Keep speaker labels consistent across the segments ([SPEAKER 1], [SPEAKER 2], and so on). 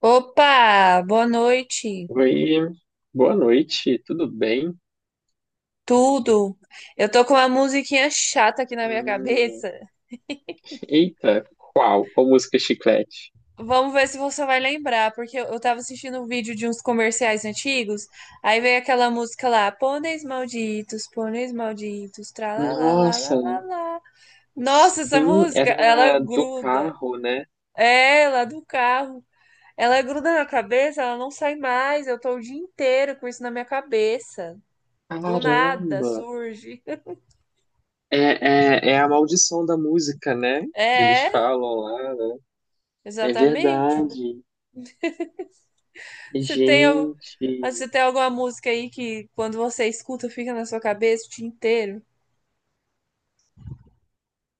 [SPEAKER 1] Opa, boa noite.
[SPEAKER 2] Oi, boa noite, tudo bem?
[SPEAKER 1] Tudo? Eu tô com uma musiquinha chata aqui na minha
[SPEAKER 2] Hum,
[SPEAKER 1] cabeça.
[SPEAKER 2] eita, qual? Qual música Chiclete?
[SPEAKER 1] Vamos ver se você vai lembrar, porque eu tava assistindo um vídeo de uns comerciais antigos, aí veio aquela música lá, pôneis malditos,
[SPEAKER 2] Nossa,
[SPEAKER 1] tralalalalala. Nossa, essa
[SPEAKER 2] sim,
[SPEAKER 1] música, ela
[SPEAKER 2] era do
[SPEAKER 1] gruda.
[SPEAKER 2] carro, né?
[SPEAKER 1] É, lá do carro. Ela gruda na cabeça, ela não sai mais. Eu tô o dia inteiro com isso na minha cabeça. Do nada
[SPEAKER 2] Caramba!
[SPEAKER 1] surge.
[SPEAKER 2] É a maldição da música, né? Que eles
[SPEAKER 1] É.
[SPEAKER 2] falam lá. Né? É
[SPEAKER 1] Exatamente.
[SPEAKER 2] verdade.
[SPEAKER 1] Você tem, al-
[SPEAKER 2] Gente,
[SPEAKER 1] Você tem alguma música aí que quando você escuta fica na sua cabeça o dia inteiro?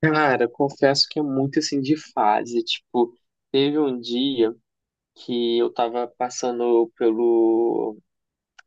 [SPEAKER 2] cara, confesso que é muito assim de fase. Tipo, teve um dia que eu tava passando pelo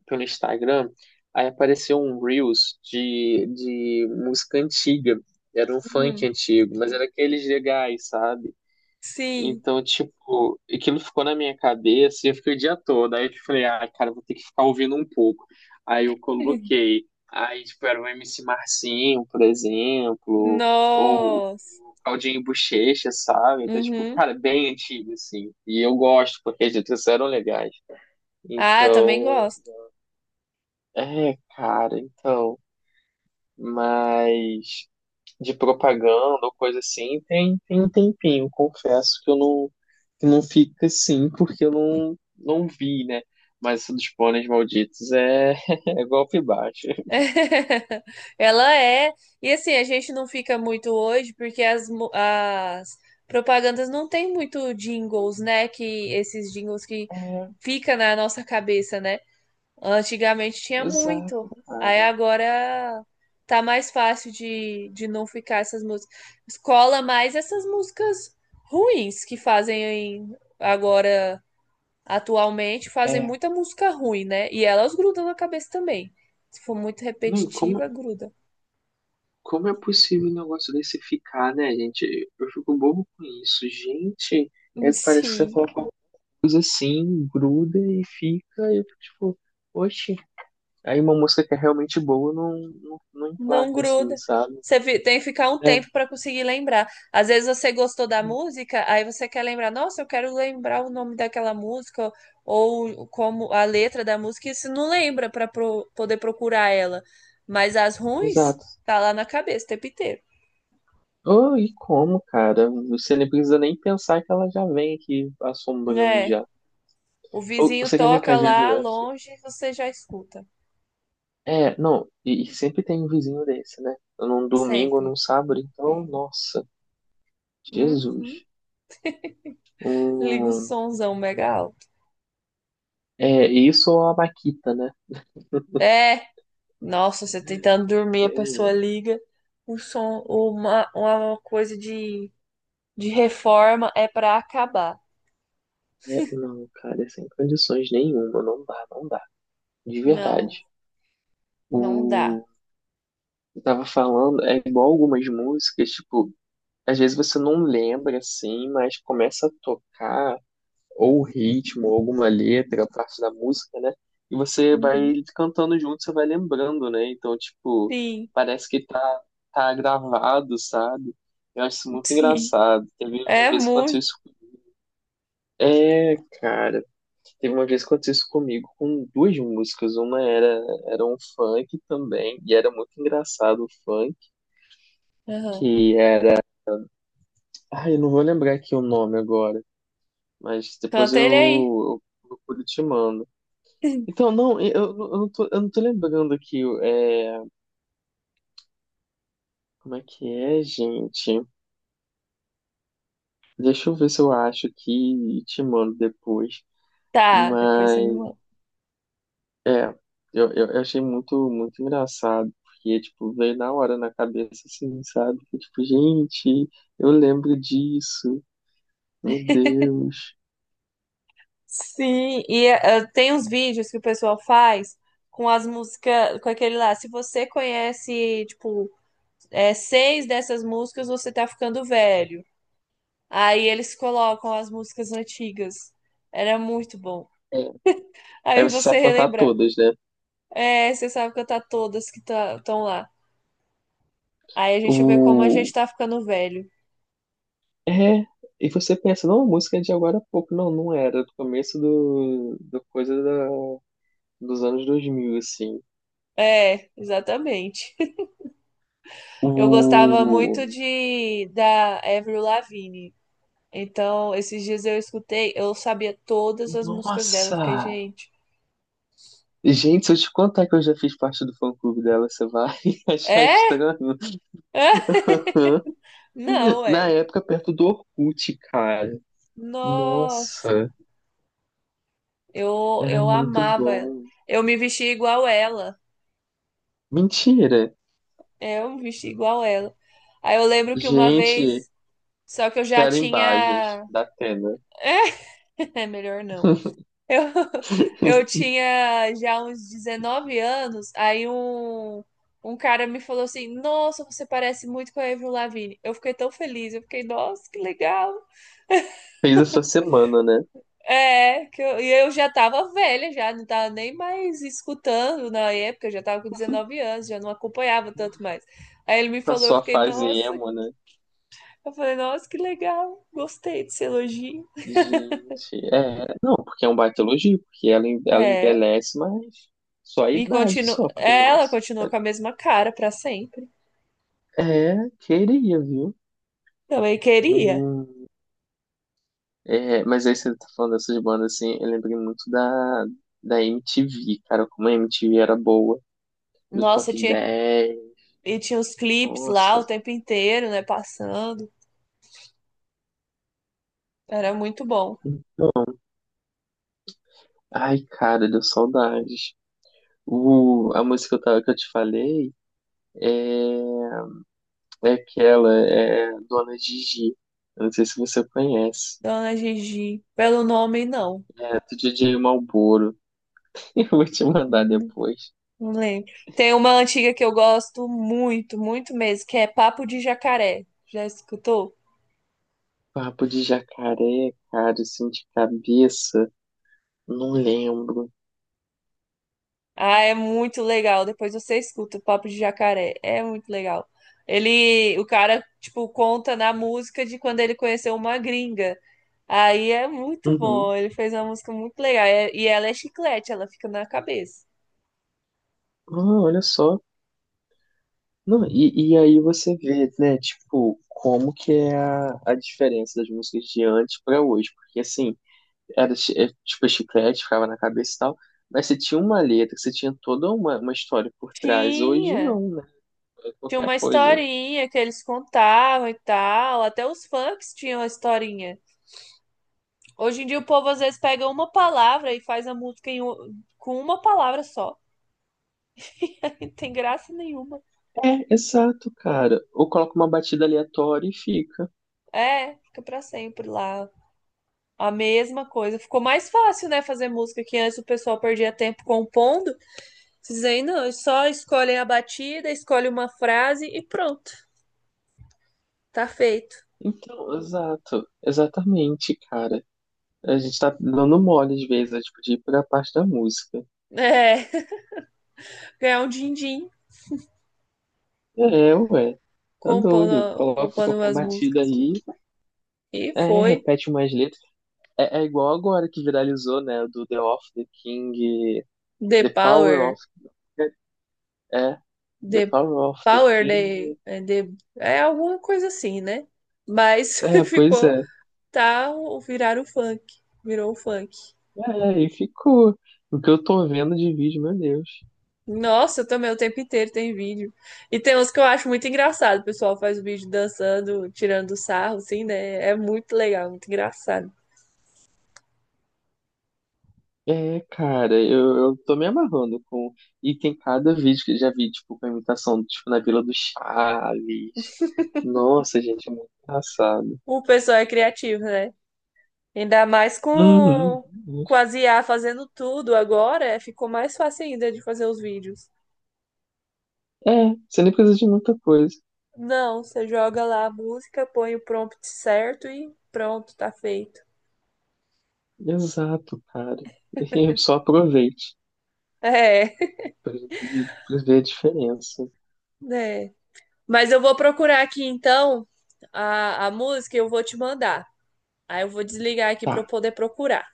[SPEAKER 2] pelo Instagram, aí apareceu um Reels de música antiga. Era um funk
[SPEAKER 1] Uhum.
[SPEAKER 2] antigo, mas era aqueles legais, sabe?
[SPEAKER 1] Sim.
[SPEAKER 2] Então, tipo, aquilo ficou na minha cabeça e eu fiquei o dia todo. Aí eu tipo, falei, ah, cara, vou ter que ficar ouvindo um pouco. Aí eu coloquei. Aí, tipo, era o MC Marcinho, por exemplo, ou o
[SPEAKER 1] Nossa.
[SPEAKER 2] Claudinho Buchecha, sabe? Então, tipo,
[SPEAKER 1] Uhum.
[SPEAKER 2] cara, bem antigo, assim. E eu gosto, porque as letras eram legais.
[SPEAKER 1] Ah, eu também
[SPEAKER 2] Então,
[SPEAKER 1] gosto.
[SPEAKER 2] é, cara, então, mas de propaganda ou coisa assim, tem, tem um tempinho, confesso que eu não, que não fica assim, porque eu não, não vi, né? Mas isso dos pôneis malditos é, é golpe baixo.
[SPEAKER 1] Ela é. E assim, a gente não fica muito hoje porque as propagandas não tem muito jingles, né? Que esses jingles que
[SPEAKER 2] É,
[SPEAKER 1] fica na nossa cabeça, né? Antigamente tinha muito.
[SPEAKER 2] exato,
[SPEAKER 1] Aí
[SPEAKER 2] cara.
[SPEAKER 1] agora tá mais fácil de não ficar essas músicas. Escola mais essas músicas ruins que fazem agora, atualmente, fazem
[SPEAKER 2] É,
[SPEAKER 1] muita música ruim, né? E elas grudam na cabeça também. Se for muito
[SPEAKER 2] não, e
[SPEAKER 1] repetitiva,
[SPEAKER 2] como,
[SPEAKER 1] gruda.
[SPEAKER 2] como é possível um negócio desse ficar, né, gente? Eu fico bobo com isso, gente. É, parece que você
[SPEAKER 1] Sim.
[SPEAKER 2] fala qualquer coisa assim, gruda e fica, e eu fico tipo, oxe. Aí uma música que é realmente boa não, não, não
[SPEAKER 1] Não
[SPEAKER 2] emplaca, assim,
[SPEAKER 1] gruda.
[SPEAKER 2] sabe?
[SPEAKER 1] Tem que ficar um
[SPEAKER 2] É,
[SPEAKER 1] tempo para conseguir lembrar. Às vezes você gostou da música, aí você quer lembrar, nossa, eu quero lembrar o nome daquela música ou como a letra da música, e você não lembra para poder procurar ela. Mas as ruins
[SPEAKER 2] exato.
[SPEAKER 1] tá lá na cabeça o tempo inteiro.
[SPEAKER 2] Oh, e como, cara? Você nem precisa nem pensar que ela já vem aqui assombrando
[SPEAKER 1] É,
[SPEAKER 2] já.
[SPEAKER 1] o
[SPEAKER 2] Ou,
[SPEAKER 1] vizinho
[SPEAKER 2] você quer ver o que
[SPEAKER 1] toca
[SPEAKER 2] às vezes
[SPEAKER 1] lá
[SPEAKER 2] eu acho?
[SPEAKER 1] longe, você já escuta,
[SPEAKER 2] Não, e sempre tem um vizinho desse, né? Num domingo ou
[SPEAKER 1] sempre.
[SPEAKER 2] num sábado, então, nossa,
[SPEAKER 1] Uhum.
[SPEAKER 2] Jesus.
[SPEAKER 1] Liga o
[SPEAKER 2] Hum,
[SPEAKER 1] somzão mega alto.
[SPEAKER 2] é, isso ou a Maquita, né?
[SPEAKER 1] É. Nossa, você tentando dormir, a pessoa
[SPEAKER 2] Tem-
[SPEAKER 1] liga o som, uma coisa de reforma é pra acabar.
[SPEAKER 2] é, não, cara, sem condições nenhuma, não dá, não dá. De
[SPEAKER 1] Não,
[SPEAKER 2] verdade.
[SPEAKER 1] não dá.
[SPEAKER 2] Eu tava falando, é igual algumas músicas, tipo, às vezes você não lembra assim, mas começa a tocar ou o ritmo, ou alguma letra, parte da música, né? E você vai
[SPEAKER 1] Uhum.
[SPEAKER 2] cantando junto, você vai lembrando, né? Então, tipo,
[SPEAKER 1] Sim,
[SPEAKER 2] parece que tá gravado, sabe? Eu acho isso muito
[SPEAKER 1] sim.
[SPEAKER 2] engraçado. Teve umas
[SPEAKER 1] É
[SPEAKER 2] vezes que aconteceu
[SPEAKER 1] muito.
[SPEAKER 2] isso. É, cara, teve uma vez que aconteceu isso comigo com duas músicas. Uma era um funk também, e era muito engraçado o funk,
[SPEAKER 1] Uhum.
[SPEAKER 2] que ai, eu não vou lembrar aqui o nome agora, mas
[SPEAKER 1] Canta ele aí.
[SPEAKER 2] eu procuro e te mando. Então, não, eu não tô lembrando aqui, é, como é que é, gente? Deixa eu ver se eu acho aqui e te mando depois.
[SPEAKER 1] Tá, depois você me
[SPEAKER 2] Mas,
[SPEAKER 1] manda.
[SPEAKER 2] é, eu achei muito engraçado, porque, tipo, veio na hora na cabeça, assim, sabe? Que, tipo, gente, eu lembro disso, meu Deus.
[SPEAKER 1] Sim, e tem uns vídeos que o pessoal faz com as músicas, com aquele lá. Se você conhece, tipo, seis dessas músicas, você tá ficando velho. Aí eles colocam as músicas antigas. Era muito bom.
[SPEAKER 2] É, aí
[SPEAKER 1] Aí
[SPEAKER 2] você
[SPEAKER 1] você
[SPEAKER 2] sabe contar
[SPEAKER 1] relembrar.
[SPEAKER 2] todas, né?
[SPEAKER 1] É, você sabe cantar todas que estão lá. Aí a gente vê como a gente
[SPEAKER 2] O,
[SPEAKER 1] tá ficando velho.
[SPEAKER 2] é, e você pensa, não, a música é de agora há pouco. Não, não era, do começo do coisa da, dos anos 2000 assim.
[SPEAKER 1] É, exatamente. Eu gostava
[SPEAKER 2] O...
[SPEAKER 1] muito de da Avril Lavigne. Então, esses dias eu escutei, eu sabia todas as músicas dela. Eu
[SPEAKER 2] Nossa!
[SPEAKER 1] fiquei, gente.
[SPEAKER 2] Gente, se eu te contar que eu já fiz parte do fã-clube dela, você vai achar
[SPEAKER 1] É?
[SPEAKER 2] estranho.
[SPEAKER 1] É? Não,
[SPEAKER 2] Na
[SPEAKER 1] é.
[SPEAKER 2] época, perto do Orkut, cara.
[SPEAKER 1] Nossa,
[SPEAKER 2] Nossa, era
[SPEAKER 1] eu
[SPEAKER 2] muito
[SPEAKER 1] amava ela.
[SPEAKER 2] bom.
[SPEAKER 1] Eu me vestia igual ela.
[SPEAKER 2] Mentira!
[SPEAKER 1] É, eu me vesti igual ela. Aí eu lembro que uma
[SPEAKER 2] Gente,
[SPEAKER 1] vez, só que eu já
[SPEAKER 2] quero imagens
[SPEAKER 1] tinha.
[SPEAKER 2] da Atena.
[SPEAKER 1] É, melhor não. Eu, eu tinha já uns 19 anos, um cara me falou assim: Nossa, você parece muito com a Avril Lavigne. Eu fiquei tão feliz, eu fiquei, nossa, que legal.
[SPEAKER 2] Fez essa semana, né?
[SPEAKER 1] É, e eu já tava velha, já não tava nem mais escutando na época, eu já tava com 19 anos, já não acompanhava tanto mais. Aí ele me falou, eu
[SPEAKER 2] Passou a
[SPEAKER 1] fiquei,
[SPEAKER 2] fase
[SPEAKER 1] nossa,
[SPEAKER 2] emo, né?
[SPEAKER 1] eu falei, nossa, que legal, gostei desse elogio.
[SPEAKER 2] Gente, é, não, porque é um baita elogio, porque ela
[SPEAKER 1] É,
[SPEAKER 2] envelhece, mas só a
[SPEAKER 1] e
[SPEAKER 2] idade
[SPEAKER 1] continua,
[SPEAKER 2] só, porque,
[SPEAKER 1] ela
[SPEAKER 2] nossa,
[SPEAKER 1] continuou com a mesma cara pra sempre.
[SPEAKER 2] é, queria, viu?
[SPEAKER 1] Também queria.
[SPEAKER 2] Hum, é, mas aí você tá falando dessas bandas, assim, eu lembrei muito da MTV, cara, como a MTV era boa, do
[SPEAKER 1] Nossa,
[SPEAKER 2] Top
[SPEAKER 1] tinha
[SPEAKER 2] dez
[SPEAKER 1] e tinha os clipes lá
[SPEAKER 2] nossa,
[SPEAKER 1] o tempo inteiro, né, passando. Era muito bom.
[SPEAKER 2] ai, cara, deu saudades. O, a música que eu te falei é, é aquela, é Dona Gigi, eu não sei se você conhece.
[SPEAKER 1] Dona Gigi, pelo nome não.
[SPEAKER 2] É, do DJ Malboro. Eu vou te mandar
[SPEAKER 1] Hum,
[SPEAKER 2] depois.
[SPEAKER 1] não lembro. Tem uma antiga que eu gosto muito, muito mesmo, que é Papo de Jacaré. Já escutou?
[SPEAKER 2] Papo de jacaré, cara, assim, de cabeça. Não lembro.
[SPEAKER 1] Ah, é muito legal. Depois você escuta o Papo de Jacaré. É muito legal. Ele, o cara, tipo, conta na música de quando ele conheceu uma gringa. Aí é muito
[SPEAKER 2] Uhum.
[SPEAKER 1] bom. Ele fez uma música muito legal. E ela é chiclete, ela fica na cabeça.
[SPEAKER 2] Ah, olha só. Não, e aí você vê, né, tipo, como que é a diferença das músicas de antes pra hoje. Porque, assim, é, tipo chiclete, ficava na cabeça e tal. Mas você tinha uma letra, você tinha toda uma história por trás. Hoje
[SPEAKER 1] Tinha.
[SPEAKER 2] não, né? É
[SPEAKER 1] Tinha
[SPEAKER 2] qualquer
[SPEAKER 1] uma
[SPEAKER 2] coisa.
[SPEAKER 1] historinha que eles contavam e tal. Até os funks tinham a historinha. Hoje em dia o povo às vezes pega uma palavra e faz a música com uma palavra só. E não tem graça nenhuma.
[SPEAKER 2] É, exato, cara. Ou coloca uma batida aleatória e fica.
[SPEAKER 1] É, fica pra sempre lá. A mesma coisa. Ficou mais fácil, né, fazer música que antes o pessoal perdia tempo compondo. Vocês aí não, eles só escolhem a batida, escolhem uma frase e pronto, tá feito.
[SPEAKER 2] Então, exato, exatamente, cara. A gente tá dando mole às vezes, é, tipo, de ir pra parte da música.
[SPEAKER 1] É, ganhar um din-din
[SPEAKER 2] É, ué, tá doido.
[SPEAKER 1] compondo,
[SPEAKER 2] Coloca
[SPEAKER 1] compondo
[SPEAKER 2] qualquer
[SPEAKER 1] umas
[SPEAKER 2] batida
[SPEAKER 1] músicas.
[SPEAKER 2] aí,
[SPEAKER 1] E
[SPEAKER 2] é,
[SPEAKER 1] foi
[SPEAKER 2] repete umas letras. É, é igual agora que viralizou, né, do The of the King,
[SPEAKER 1] The
[SPEAKER 2] The Power
[SPEAKER 1] Power,
[SPEAKER 2] of é, The
[SPEAKER 1] The
[SPEAKER 2] Power of the King.
[SPEAKER 1] The é alguma coisa assim, né? Mas
[SPEAKER 2] É, pois
[SPEAKER 1] ficou,
[SPEAKER 2] é.
[SPEAKER 1] tá, viraram o funk, virou o funk.
[SPEAKER 2] É, e ficou. O que eu tô vendo de vídeo, meu Deus.
[SPEAKER 1] Nossa, eu também o tempo inteiro tem vídeo. E tem uns que eu acho muito engraçado. O pessoal faz o vídeo dançando, tirando sarro, assim, né? É muito legal, muito engraçado.
[SPEAKER 2] É, cara, eu tô me amarrando com. E tem cada vídeo que eu já vi, tipo, com a imitação, tipo, na Vila do Chaves. Nossa, gente, é muito engraçado.
[SPEAKER 1] O pessoal é criativo, né? Ainda mais
[SPEAKER 2] Uhum. Uhum.
[SPEAKER 1] com as IA fazendo tudo agora, é, ficou mais fácil ainda de fazer os vídeos.
[SPEAKER 2] É, você nem precisa de muita coisa.
[SPEAKER 1] Não, você joga lá a música, põe o prompt certo e pronto, tá feito.
[SPEAKER 2] Exato, cara. Eu só aproveite
[SPEAKER 1] É,
[SPEAKER 2] pra gente ver pra ver a diferença.
[SPEAKER 1] né? Mas eu vou procurar aqui então a música e eu vou te mandar. Aí eu vou desligar aqui
[SPEAKER 2] Tá,
[SPEAKER 1] para eu poder procurar.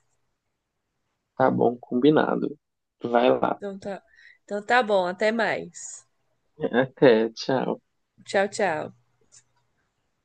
[SPEAKER 2] tá bom, combinado. Vai lá.
[SPEAKER 1] Então tá, então tá bom, até mais.
[SPEAKER 2] Até, tchau.
[SPEAKER 1] Tchau, tchau.